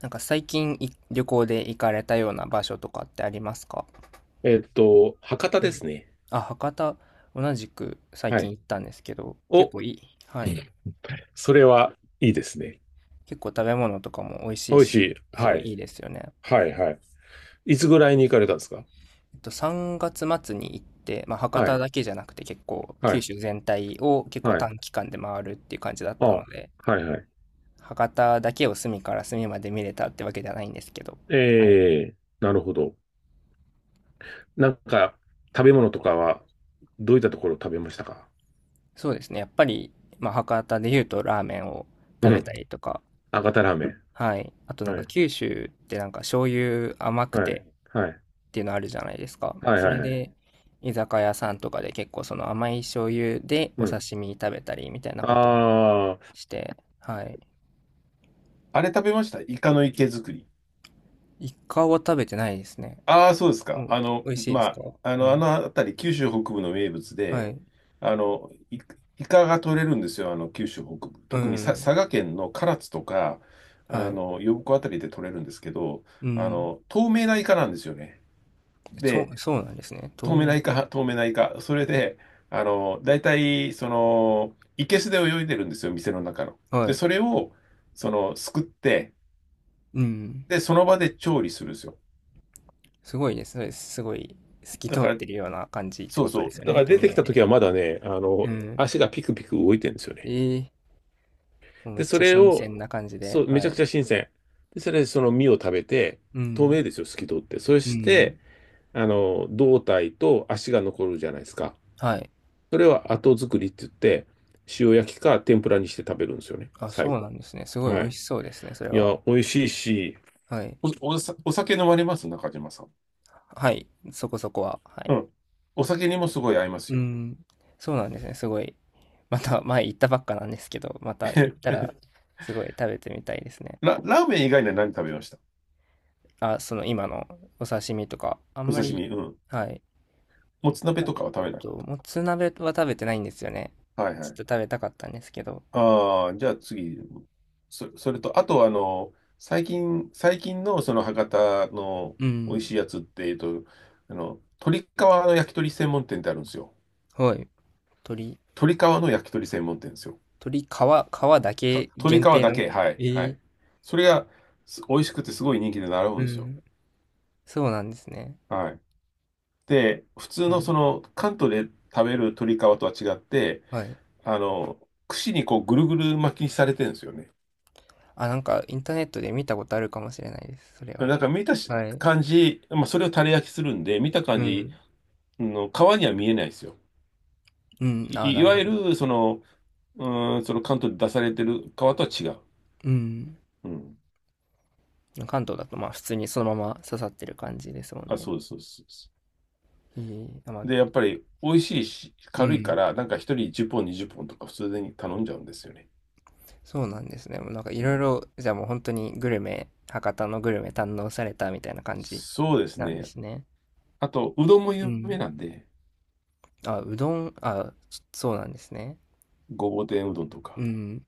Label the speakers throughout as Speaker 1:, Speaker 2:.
Speaker 1: なんか最近い旅行で行かれたような場所とかってありますか？
Speaker 2: 博多
Speaker 1: は
Speaker 2: で
Speaker 1: い。
Speaker 2: すね。
Speaker 1: あ、博多、同じく最
Speaker 2: は
Speaker 1: 近
Speaker 2: い。
Speaker 1: 行ったんですけど、結
Speaker 2: お、
Speaker 1: 構いい。はい。
Speaker 2: それはいいですね。
Speaker 1: 結構食べ物とかも美味し
Speaker 2: 美
Speaker 1: い
Speaker 2: 味し
Speaker 1: し、
Speaker 2: い。
Speaker 1: す
Speaker 2: は
Speaker 1: ごい
Speaker 2: い。
Speaker 1: いいですよね。
Speaker 2: はい、はい。いつぐらいに行かれたんですか？
Speaker 1: 3月末に行って、まあ、博
Speaker 2: は
Speaker 1: 多
Speaker 2: い、
Speaker 1: だけじゃなくて結構
Speaker 2: は
Speaker 1: 九
Speaker 2: い、
Speaker 1: 州全体を結構
Speaker 2: はい。
Speaker 1: 短期間で回るっていう感じだっ
Speaker 2: あ、
Speaker 1: たの
Speaker 2: は
Speaker 1: で、
Speaker 2: い、はい。
Speaker 1: 博多だけを隅から隅まで見れたってわけじゃないんですけど、はい。
Speaker 2: ええ。なるほど。なんか、食べ物とかは、どういったところを食べましたか？
Speaker 1: そうですね。やっぱり、まあ、博多で言うとラーメンを食
Speaker 2: う
Speaker 1: べ
Speaker 2: ん。
Speaker 1: たりとか、
Speaker 2: 博多ラーメン。
Speaker 1: はい。あとなん
Speaker 2: は
Speaker 1: か
Speaker 2: い、
Speaker 1: 九州ってなんか醤油甘く
Speaker 2: はい、
Speaker 1: て
Speaker 2: はい、
Speaker 1: っていうのあるじゃないですか。
Speaker 2: はい、
Speaker 1: そ
Speaker 2: は
Speaker 1: れ
Speaker 2: い。はい。
Speaker 1: で居酒屋さんとかで結構その甘い醤油で
Speaker 2: う
Speaker 1: お
Speaker 2: ん。
Speaker 1: 刺身食べたりみたいなこと
Speaker 2: ああ、
Speaker 1: して、はい。
Speaker 2: あれ食べました？イカの池作り。
Speaker 1: イカは食べてないですね。
Speaker 2: ああ、そうです
Speaker 1: う
Speaker 2: か。
Speaker 1: ん。美味しいで
Speaker 2: ま
Speaker 1: すか？
Speaker 2: あ、
Speaker 1: う
Speaker 2: あ
Speaker 1: ん。
Speaker 2: の辺り、九州北部の名物
Speaker 1: は
Speaker 2: で、
Speaker 1: い。
Speaker 2: イカが取れるんですよ、あの、九州北部。
Speaker 1: う
Speaker 2: 特に佐
Speaker 1: ん。
Speaker 2: 賀県の唐津とか、
Speaker 1: は
Speaker 2: あ
Speaker 1: い。
Speaker 2: の、呼子あたりで取れるんですけど、
Speaker 1: う
Speaker 2: あ
Speaker 1: ん。
Speaker 2: の、透明なイカなんですよね。
Speaker 1: そ
Speaker 2: で、
Speaker 1: う、そうなんですね。透
Speaker 2: 透明な
Speaker 1: 明。
Speaker 2: イカ、透明なイカ。それで、あの、大体、その、生けすで泳いでるんですよ、店の中の。
Speaker 1: は
Speaker 2: で、
Speaker 1: い。
Speaker 2: それをすくって、
Speaker 1: うん。
Speaker 2: で、その場で調理するんですよ。
Speaker 1: すごいです。そうです。すごい透き
Speaker 2: だ
Speaker 1: 通っ
Speaker 2: から、
Speaker 1: てるような感じって
Speaker 2: そう
Speaker 1: こと
Speaker 2: そ
Speaker 1: で
Speaker 2: う。
Speaker 1: すよ
Speaker 2: だか
Speaker 1: ね。
Speaker 2: ら
Speaker 1: 透
Speaker 2: 出てき
Speaker 1: 明
Speaker 2: た時
Speaker 1: で。
Speaker 2: はまだね、あ
Speaker 1: う
Speaker 2: の、
Speaker 1: ん。
Speaker 2: 足がピクピク動いてるんですよね。
Speaker 1: ええ、もうめ
Speaker 2: で、
Speaker 1: っ
Speaker 2: そ
Speaker 1: ちゃ
Speaker 2: れ
Speaker 1: 新
Speaker 2: を、
Speaker 1: 鮮な感じで、
Speaker 2: そう、め
Speaker 1: は
Speaker 2: ちゃ
Speaker 1: い。
Speaker 2: くち
Speaker 1: ね。
Speaker 2: ゃ新鮮。で、それでその身を食べて、
Speaker 1: う
Speaker 2: 透
Speaker 1: ん。
Speaker 2: 明ですよ、透き通って。そ
Speaker 1: う
Speaker 2: し
Speaker 1: ん。
Speaker 2: て、あの、胴体と足が残るじゃないですか。
Speaker 1: はい。
Speaker 2: それは後作りって言って、塩焼きか天ぷらにして食べるんですよね、
Speaker 1: あ、
Speaker 2: 最
Speaker 1: そうな
Speaker 2: 後。
Speaker 1: んですね。すごい
Speaker 2: は
Speaker 1: 美味
Speaker 2: い。
Speaker 1: しそうですね、それ
Speaker 2: い
Speaker 1: は。
Speaker 2: や、美味しいし、
Speaker 1: はい。
Speaker 2: お酒飲まれます？中島さん。
Speaker 1: はい。そこそこは。はい。
Speaker 2: うん。お酒にもすごい合います
Speaker 1: う
Speaker 2: よ。
Speaker 1: ん。そうなんですね。すごい。また前行ったばっかなんですけど、また行った らすごい食べてみたいですね。
Speaker 2: ラーメン以外には何食べました？
Speaker 1: あ、その今のお刺身とか、あん
Speaker 2: お
Speaker 1: ま
Speaker 2: 刺
Speaker 1: り、
Speaker 2: 身。うん。
Speaker 1: はい。
Speaker 2: もつ鍋
Speaker 1: あ
Speaker 2: とかは食べなか
Speaker 1: と、
Speaker 2: っ
Speaker 1: もつ鍋は食べてないんですよね。
Speaker 2: た。はい
Speaker 1: ち
Speaker 2: はい。
Speaker 1: ょっと食べたかったんですけど。
Speaker 2: ああ、じゃあ次。それと、あとあの、最近のその博多の
Speaker 1: う
Speaker 2: 美
Speaker 1: ん。
Speaker 2: 味しいやつって、えっと、あの、鶏皮の焼き鳥専門店ってあるんですよ。
Speaker 1: はい。鶏
Speaker 2: 鶏皮の焼き鳥専門店ですよ。
Speaker 1: 鳥、皮だけ
Speaker 2: 鶏皮
Speaker 1: 限定
Speaker 2: だ
Speaker 1: の。
Speaker 2: け、は
Speaker 1: え
Speaker 2: い、は
Speaker 1: ー
Speaker 2: い。それが美味しくてすごい人気で並ぶ
Speaker 1: う
Speaker 2: んですよ。
Speaker 1: ん。そうなんですね。
Speaker 2: はい。で、普通
Speaker 1: は
Speaker 2: の
Speaker 1: い。
Speaker 2: その関東で食べる鶏皮とは違って、
Speaker 1: はい。
Speaker 2: あの、串にこうぐるぐる巻きにされてるんですよね。
Speaker 1: あ、なんかインターネットで見たことあるかもしれないです、それは。
Speaker 2: なんか見たし
Speaker 1: はい。
Speaker 2: 感じ、まあ、それをタレ焼きするんで、見た感
Speaker 1: う
Speaker 2: じ、
Speaker 1: ん。
Speaker 2: の皮には見えないですよ。
Speaker 1: うん、ああ、
Speaker 2: い
Speaker 1: なる
Speaker 2: わ
Speaker 1: ほ
Speaker 2: ゆ
Speaker 1: ど。
Speaker 2: る、その、うん、その関東で出されてる皮とは違う。
Speaker 1: うん。
Speaker 2: うん。
Speaker 1: 関東だと、まあ、普通にそのまま刺さってる感じですもん
Speaker 2: あ、
Speaker 1: ね。
Speaker 2: そうです、そうです。そうです。
Speaker 1: あ、まあ、
Speaker 2: で、やっぱり美味しいし、
Speaker 1: う
Speaker 2: 軽いか
Speaker 1: ん、
Speaker 2: ら、なんか一人10本、20本とか普通に頼んじゃうんですよね。
Speaker 1: そうなんですね。もうなんかい
Speaker 2: う
Speaker 1: ろい
Speaker 2: ん、
Speaker 1: ろ、じゃあもう本当にグルメ博多のグルメ堪能されたみたいな感じ
Speaker 2: そうです
Speaker 1: なんで
Speaker 2: ね。
Speaker 1: すね。
Speaker 2: あと、うどんも
Speaker 1: う
Speaker 2: 有名
Speaker 1: ん。
Speaker 2: なんで、
Speaker 1: あ、うどん、あ、そうなんですね。
Speaker 2: ごぼう天うどんと
Speaker 1: う
Speaker 2: か。
Speaker 1: ん。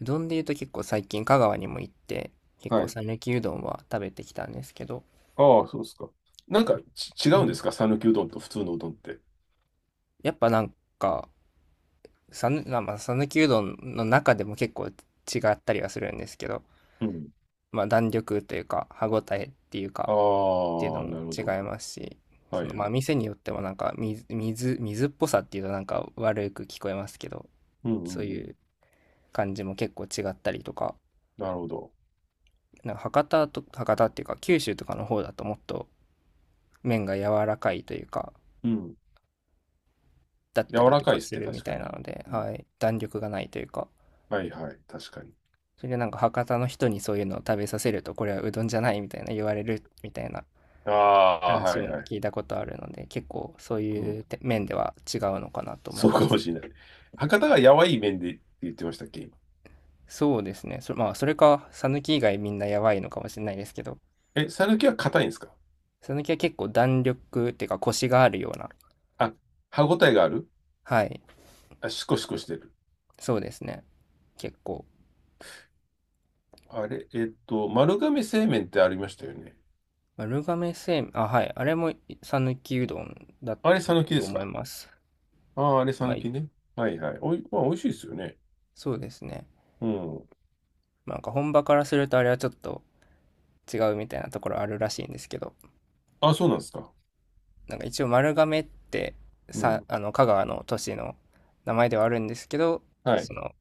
Speaker 1: うどんで言うと結構最近香川にも行って、結
Speaker 2: は
Speaker 1: 構
Speaker 2: い。
Speaker 1: 讃岐うどんは食べてきたんですけど、
Speaker 2: ああ、そうですか。なんか違
Speaker 1: う
Speaker 2: うんで
Speaker 1: ん。
Speaker 2: すか？讃岐うどんと普通のうどんって。
Speaker 1: やっぱなんか、まあまあ讃岐うどんの中でも結構違ったりはするんですけど、
Speaker 2: うん。
Speaker 1: まあ弾力というか歯ごたえっていうか
Speaker 2: あ
Speaker 1: っていうの
Speaker 2: あ、な
Speaker 1: も
Speaker 2: るほ
Speaker 1: 違
Speaker 2: ど。
Speaker 1: いますし、
Speaker 2: は
Speaker 1: そ
Speaker 2: い
Speaker 1: の
Speaker 2: は
Speaker 1: まあ
Speaker 2: い。
Speaker 1: 店によってもなんか水っぽさっていうとなんか悪く聞こえますけど、
Speaker 2: うんう
Speaker 1: そう
Speaker 2: んうん。
Speaker 1: いう感じも結構違ったりとか、
Speaker 2: なるほど。
Speaker 1: なんか博多っていうか九州とかの方だともっと麺が柔らかいというか、
Speaker 2: うん。
Speaker 1: だった
Speaker 2: 柔
Speaker 1: り
Speaker 2: ら
Speaker 1: と
Speaker 2: かい
Speaker 1: か
Speaker 2: です
Speaker 1: す
Speaker 2: ね、
Speaker 1: るみ
Speaker 2: 確
Speaker 1: た
Speaker 2: か
Speaker 1: いな
Speaker 2: に。
Speaker 1: ので、
Speaker 2: うん。
Speaker 1: はい、弾力がないというか、
Speaker 2: はいはい、確かに。
Speaker 1: それでなんか博多の人にそういうのを食べさせると、これはうどんじゃないみたいな言われるみたいな
Speaker 2: ああ、は
Speaker 1: 話
Speaker 2: い
Speaker 1: も
Speaker 2: はい。
Speaker 1: 聞いたことあるので、結構そう
Speaker 2: う
Speaker 1: い
Speaker 2: ん。
Speaker 1: う面では違うのかなと思い
Speaker 2: そう
Speaker 1: ま
Speaker 2: かも
Speaker 1: す。
Speaker 2: しれない。博多がやわい麺でって言ってましたっけ、今。
Speaker 1: そうですね。それまあ、それか、ぬき以外みんなやばいのかもしれないですけど、
Speaker 2: え、讃岐は硬いんですか？
Speaker 1: さぬきは結構弾力っていうか、コシがあるような、
Speaker 2: あ、歯ごたえがある。
Speaker 1: はい、
Speaker 2: あ、シコシコしてる。
Speaker 1: そうですね。結構。
Speaker 2: あれ、えっと、丸亀製麺ってありましたよね。
Speaker 1: 丸亀製麺、あ、はい、あれもさぬきうどんだっ
Speaker 2: あれ、
Speaker 1: た
Speaker 2: 讃岐で
Speaker 1: と
Speaker 2: す
Speaker 1: 思い
Speaker 2: か？
Speaker 1: ます。
Speaker 2: ああー、あれ、
Speaker 1: まあ、
Speaker 2: 讃岐ね。はいはい。おい、まあ、美味しいですよね。
Speaker 1: そうですね。
Speaker 2: うん。
Speaker 1: まあなんか本場からするとあれはちょっと違うみたいなところあるらしいんですけど、
Speaker 2: あ、そうなんですか。
Speaker 1: なんか一応丸亀って
Speaker 2: う
Speaker 1: さ、
Speaker 2: ん。
Speaker 1: あの香川の都市の名前ではあるんですけど、
Speaker 2: はい。
Speaker 1: その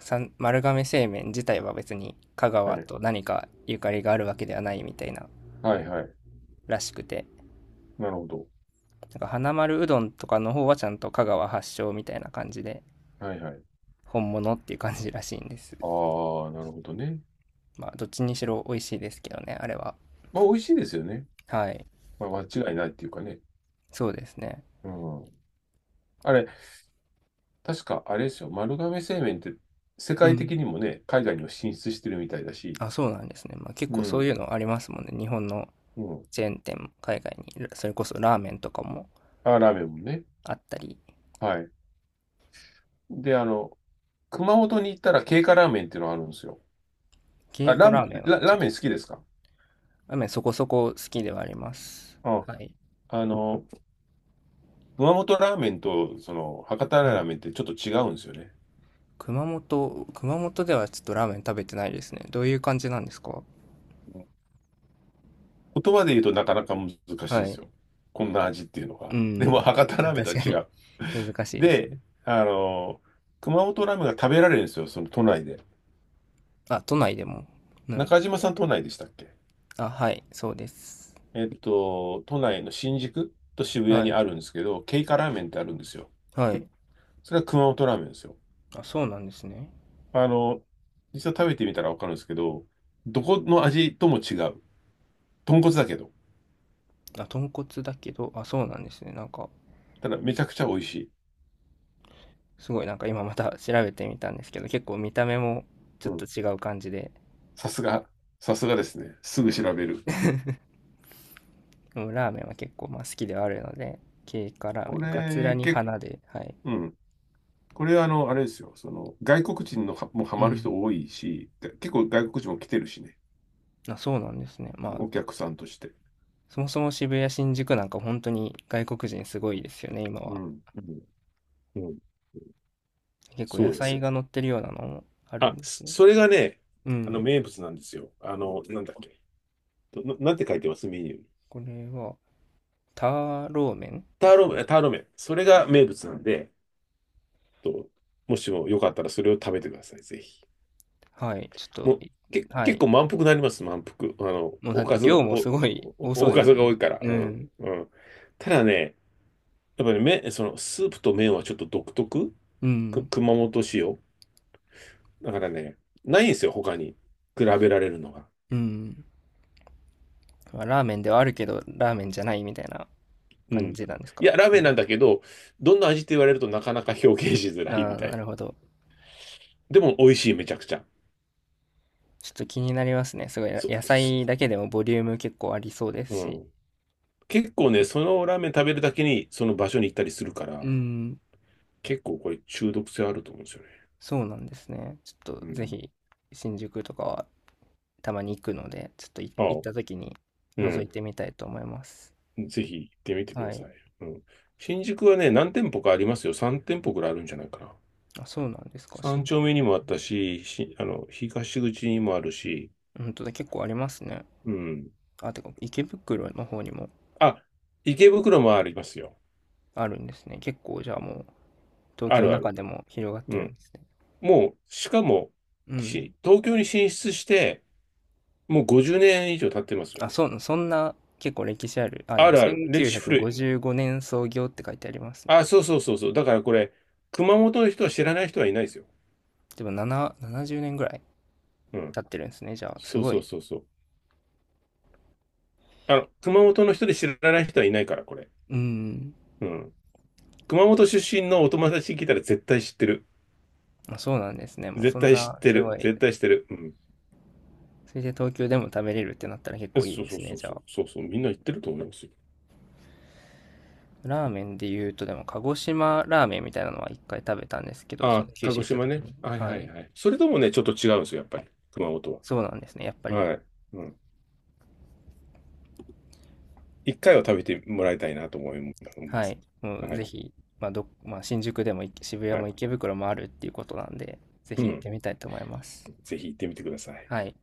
Speaker 1: 丸亀製麺自体は別に香
Speaker 2: は
Speaker 1: 川
Speaker 2: い、
Speaker 1: と何かゆかりがあるわけではないみたいな
Speaker 2: はい、はい。
Speaker 1: らしくて、
Speaker 2: なるほど。
Speaker 1: なんか花丸うどんとかの方はちゃんと香川発祥みたいな感じで
Speaker 2: はいはい。
Speaker 1: 本物っていう感じらしいんです。
Speaker 2: ああ、なるほどね。
Speaker 1: まあどっちにしろ美味しいですけどね、あれは。
Speaker 2: まあ、美味しいですよね。
Speaker 1: はい。
Speaker 2: まあ、間違いないっていうかね。
Speaker 1: そうですね。
Speaker 2: うん。あれ、確かあれですよ。丸亀製麺って世
Speaker 1: う
Speaker 2: 界
Speaker 1: ん。
Speaker 2: 的にもね、海外にも進出してるみたいだし。
Speaker 1: あ、そうなんですね。まあ、結
Speaker 2: う
Speaker 1: 構そう
Speaker 2: ん。
Speaker 1: いうのありますもんね。日本の
Speaker 2: うん。
Speaker 1: チェーン店も海外に、それこそラーメンとかも
Speaker 2: あ、ラーメンもね。
Speaker 1: あったり、
Speaker 2: はい。で、あの、熊本に行ったら経過ラーメンっていうのがあるんですよ。
Speaker 1: 経
Speaker 2: あ、
Speaker 1: 過ラーメンはち
Speaker 2: ラ
Speaker 1: ょ
Speaker 2: ー
Speaker 1: っと、
Speaker 2: メン好きですか？
Speaker 1: ラーメンそこそこ好きではあります。
Speaker 2: あ、
Speaker 1: はい。
Speaker 2: あの、熊本ラーメンと、その、博多
Speaker 1: はい。
Speaker 2: ラーメンってちょっと違うんですよね。
Speaker 1: 熊本ではちょっとラーメン食べてないですね。どういう感じなんですか？
Speaker 2: 言葉で言うとなかなか難しいん
Speaker 1: は
Speaker 2: で
Speaker 1: い。
Speaker 2: すよ。こんな味っていうの
Speaker 1: う
Speaker 2: が。でも、
Speaker 1: ん。
Speaker 2: 博多ラーメンと
Speaker 1: 確
Speaker 2: は
Speaker 1: か
Speaker 2: 違
Speaker 1: に
Speaker 2: う。
Speaker 1: 難しいですよね。
Speaker 2: で、あの、熊本ラーメンが食べられるんですよ、その都内で。
Speaker 1: あ、都内でも。うん。
Speaker 2: 中島さん都内でしたっけ？
Speaker 1: あ、はい、そうです。
Speaker 2: えっと、都内の新宿と渋谷
Speaker 1: は
Speaker 2: に
Speaker 1: い。
Speaker 2: あるんですけど、ケイカラーメンってあるんですよ。
Speaker 1: はい。
Speaker 2: それは熊本ラーメンですよ。
Speaker 1: あ、そうなんですね。
Speaker 2: あの、実は食べてみたらわかるんですけど、どこの味とも違う。豚骨だけど。
Speaker 1: あ、豚骨だけど、あ、そうなんですね。なんか、
Speaker 2: ただめちゃくちゃ美味しい。
Speaker 1: すごいなんか今また調べてみたんですけど、結構見た目もち
Speaker 2: う
Speaker 1: ょっと
Speaker 2: ん。
Speaker 1: 違う感じで、
Speaker 2: さすが、さすがですね。すぐ調べる。
Speaker 1: うん。ラーメンは結構まあ好きではあるので、経過ラー
Speaker 2: こ
Speaker 1: メン、カツラ
Speaker 2: れ、
Speaker 1: に
Speaker 2: け、
Speaker 1: 花で、はい。
Speaker 2: うん。これはあの、あれですよ。その、外国人のはもうハ
Speaker 1: う
Speaker 2: マる
Speaker 1: ん。
Speaker 2: 人多いし、結構外国人も来てるしね。
Speaker 1: あ、そうなんですね。まあ、
Speaker 2: お客さんとして。
Speaker 1: そもそも渋谷、新宿なんか本当に外国人すごいですよね、今
Speaker 2: う
Speaker 1: は。
Speaker 2: ん。うん。うん。
Speaker 1: 結構
Speaker 2: そ
Speaker 1: 野
Speaker 2: うです
Speaker 1: 菜
Speaker 2: よ。
Speaker 1: が乗ってるようなのもあるん
Speaker 2: あ、
Speaker 1: ですね。
Speaker 2: それがね、
Speaker 1: う
Speaker 2: あの
Speaker 1: ん。
Speaker 2: 名物なんですよ。あの、なんだっけ。なんて書いてますメニューに？
Speaker 1: これは、ターローメン
Speaker 2: タ
Speaker 1: で
Speaker 2: ー
Speaker 1: すかね。
Speaker 2: ロ、ターロ麺。それが名物なんで、と、もしもよかったらそれを食べてください。ぜひ。
Speaker 1: はい。ちょっと、
Speaker 2: もう、
Speaker 1: いは
Speaker 2: 結構
Speaker 1: い。
Speaker 2: 満腹になります。満腹。
Speaker 1: もうだって量もすごい多
Speaker 2: お
Speaker 1: そ
Speaker 2: お
Speaker 1: うで
Speaker 2: か
Speaker 1: す
Speaker 2: ず
Speaker 1: よ
Speaker 2: が
Speaker 1: ね。
Speaker 2: 多いから。
Speaker 1: う
Speaker 2: うん。
Speaker 1: ん。
Speaker 2: うん。ただね、やっぱり麺、その、スープと麺はちょっと独特
Speaker 1: う
Speaker 2: く
Speaker 1: ん。
Speaker 2: 熊本仕様だからね、ないんですよ、他に。比べられるのが。
Speaker 1: うん。まあラーメンではあるけど、ラーメンじゃないみたいな
Speaker 2: う
Speaker 1: 感
Speaker 2: ん。
Speaker 1: じなんです
Speaker 2: い
Speaker 1: か。
Speaker 2: や、ラーメンなんだけど、どんな味って言われるとなかなか表現しづ
Speaker 1: あ
Speaker 2: らいみ
Speaker 1: あー、
Speaker 2: たい
Speaker 1: な
Speaker 2: な。
Speaker 1: るほど。
Speaker 2: でも美味しい、めちゃくちゃ。
Speaker 1: ちょっと気になりますね。すごい、
Speaker 2: そ、
Speaker 1: 野
Speaker 2: そ
Speaker 1: 菜だけでもボリューム結構ありそうで
Speaker 2: う
Speaker 1: すし。
Speaker 2: ん。結構ね、そのラーメン食べるだけにその場所に行ったりするから、
Speaker 1: うん、
Speaker 2: 結構これ中毒性あると思うんですよね。
Speaker 1: そうなんですね。ちょっと
Speaker 2: う
Speaker 1: ぜ
Speaker 2: ん。
Speaker 1: ひ、新宿とかはたまに行くので、ちょっと
Speaker 2: あ
Speaker 1: 行っ
Speaker 2: あ、
Speaker 1: た時に
Speaker 2: う
Speaker 1: 覗い
Speaker 2: ん。
Speaker 1: てみたいと思います。
Speaker 2: ぜひ行ってみてく
Speaker 1: は
Speaker 2: だ
Speaker 1: い。
Speaker 2: さい。うん。新宿はね、何店舗かありますよ。3店舗くらいあるんじゃないかな。
Speaker 1: あ、そうなんですか。
Speaker 2: 三丁目にもあったし、あの、東口にもあるし、
Speaker 1: 本当だ、結構ありますね。
Speaker 2: うん。
Speaker 1: あ、てか、池袋の方にも
Speaker 2: あ、池袋もありますよ。
Speaker 1: あるんですね。結構、じゃあもう、東
Speaker 2: あ
Speaker 1: 京
Speaker 2: る
Speaker 1: の
Speaker 2: あ
Speaker 1: 中
Speaker 2: る。
Speaker 1: でも広がっ
Speaker 2: う
Speaker 1: てるんで
Speaker 2: ん。
Speaker 1: すね。
Speaker 2: もう、しかも、
Speaker 1: うん。
Speaker 2: 東京に進出して、もう50年以上経ってますよ
Speaker 1: あ、
Speaker 2: ね。
Speaker 1: そんな結構歴史ある。あ、で
Speaker 2: あ
Speaker 1: も
Speaker 2: るある。歴史
Speaker 1: 1955
Speaker 2: 古い。
Speaker 1: 年創業って書いてありますね。
Speaker 2: あ、そうそうそうそう。だからこれ、熊本の人は知らない人はいないですよ。
Speaker 1: でも7、70年ぐらい
Speaker 2: うん。
Speaker 1: 経ってるんですね。じゃあ、す
Speaker 2: そう
Speaker 1: ご
Speaker 2: そう
Speaker 1: い。
Speaker 2: そうそう。あの、熊本の人で知らない人はいないから、これ。
Speaker 1: うん。
Speaker 2: うん。熊本出身のお友達に聞いたら絶対知ってる。
Speaker 1: まあそうなんですね。もう
Speaker 2: 絶
Speaker 1: そん
Speaker 2: 対知っ
Speaker 1: な、
Speaker 2: て
Speaker 1: すご
Speaker 2: る。
Speaker 1: い。
Speaker 2: 絶対知ってる。うん。
Speaker 1: それで東京でも食べれるってなったら結
Speaker 2: え
Speaker 1: 構いい
Speaker 2: そう
Speaker 1: で
Speaker 2: そう
Speaker 1: す
Speaker 2: そ
Speaker 1: ね。
Speaker 2: う
Speaker 1: じゃ
Speaker 2: そう。
Speaker 1: あ。
Speaker 2: そうそう。みんな言ってると思いますよ。
Speaker 1: ラーメンで言うと、でも鹿児島ラーメンみたいなのは一回食べたんですけど、そ
Speaker 2: あ、
Speaker 1: の九
Speaker 2: 鹿
Speaker 1: 州
Speaker 2: 児
Speaker 1: 行った
Speaker 2: 島
Speaker 1: 時
Speaker 2: ね。
Speaker 1: に。
Speaker 2: はい
Speaker 1: は
Speaker 2: はい
Speaker 1: い。
Speaker 2: はい。それともね、ちょっと違うんですよ、やっぱり。熊本
Speaker 1: そう
Speaker 2: は。
Speaker 1: なんですね。やっぱり。
Speaker 2: はい。うん。一回は食べてもらいたいなと思いま
Speaker 1: は
Speaker 2: す。
Speaker 1: い。もう
Speaker 2: は
Speaker 1: ぜ
Speaker 2: い。
Speaker 1: ひ、まあまあ新宿でも渋谷
Speaker 2: は
Speaker 1: も
Speaker 2: い。
Speaker 1: 池袋もあるっていうことなんで、ぜ
Speaker 2: う
Speaker 1: ひ行っ
Speaker 2: ん。
Speaker 1: てみたいと思います。
Speaker 2: ぜひ行ってみてください。
Speaker 1: はい。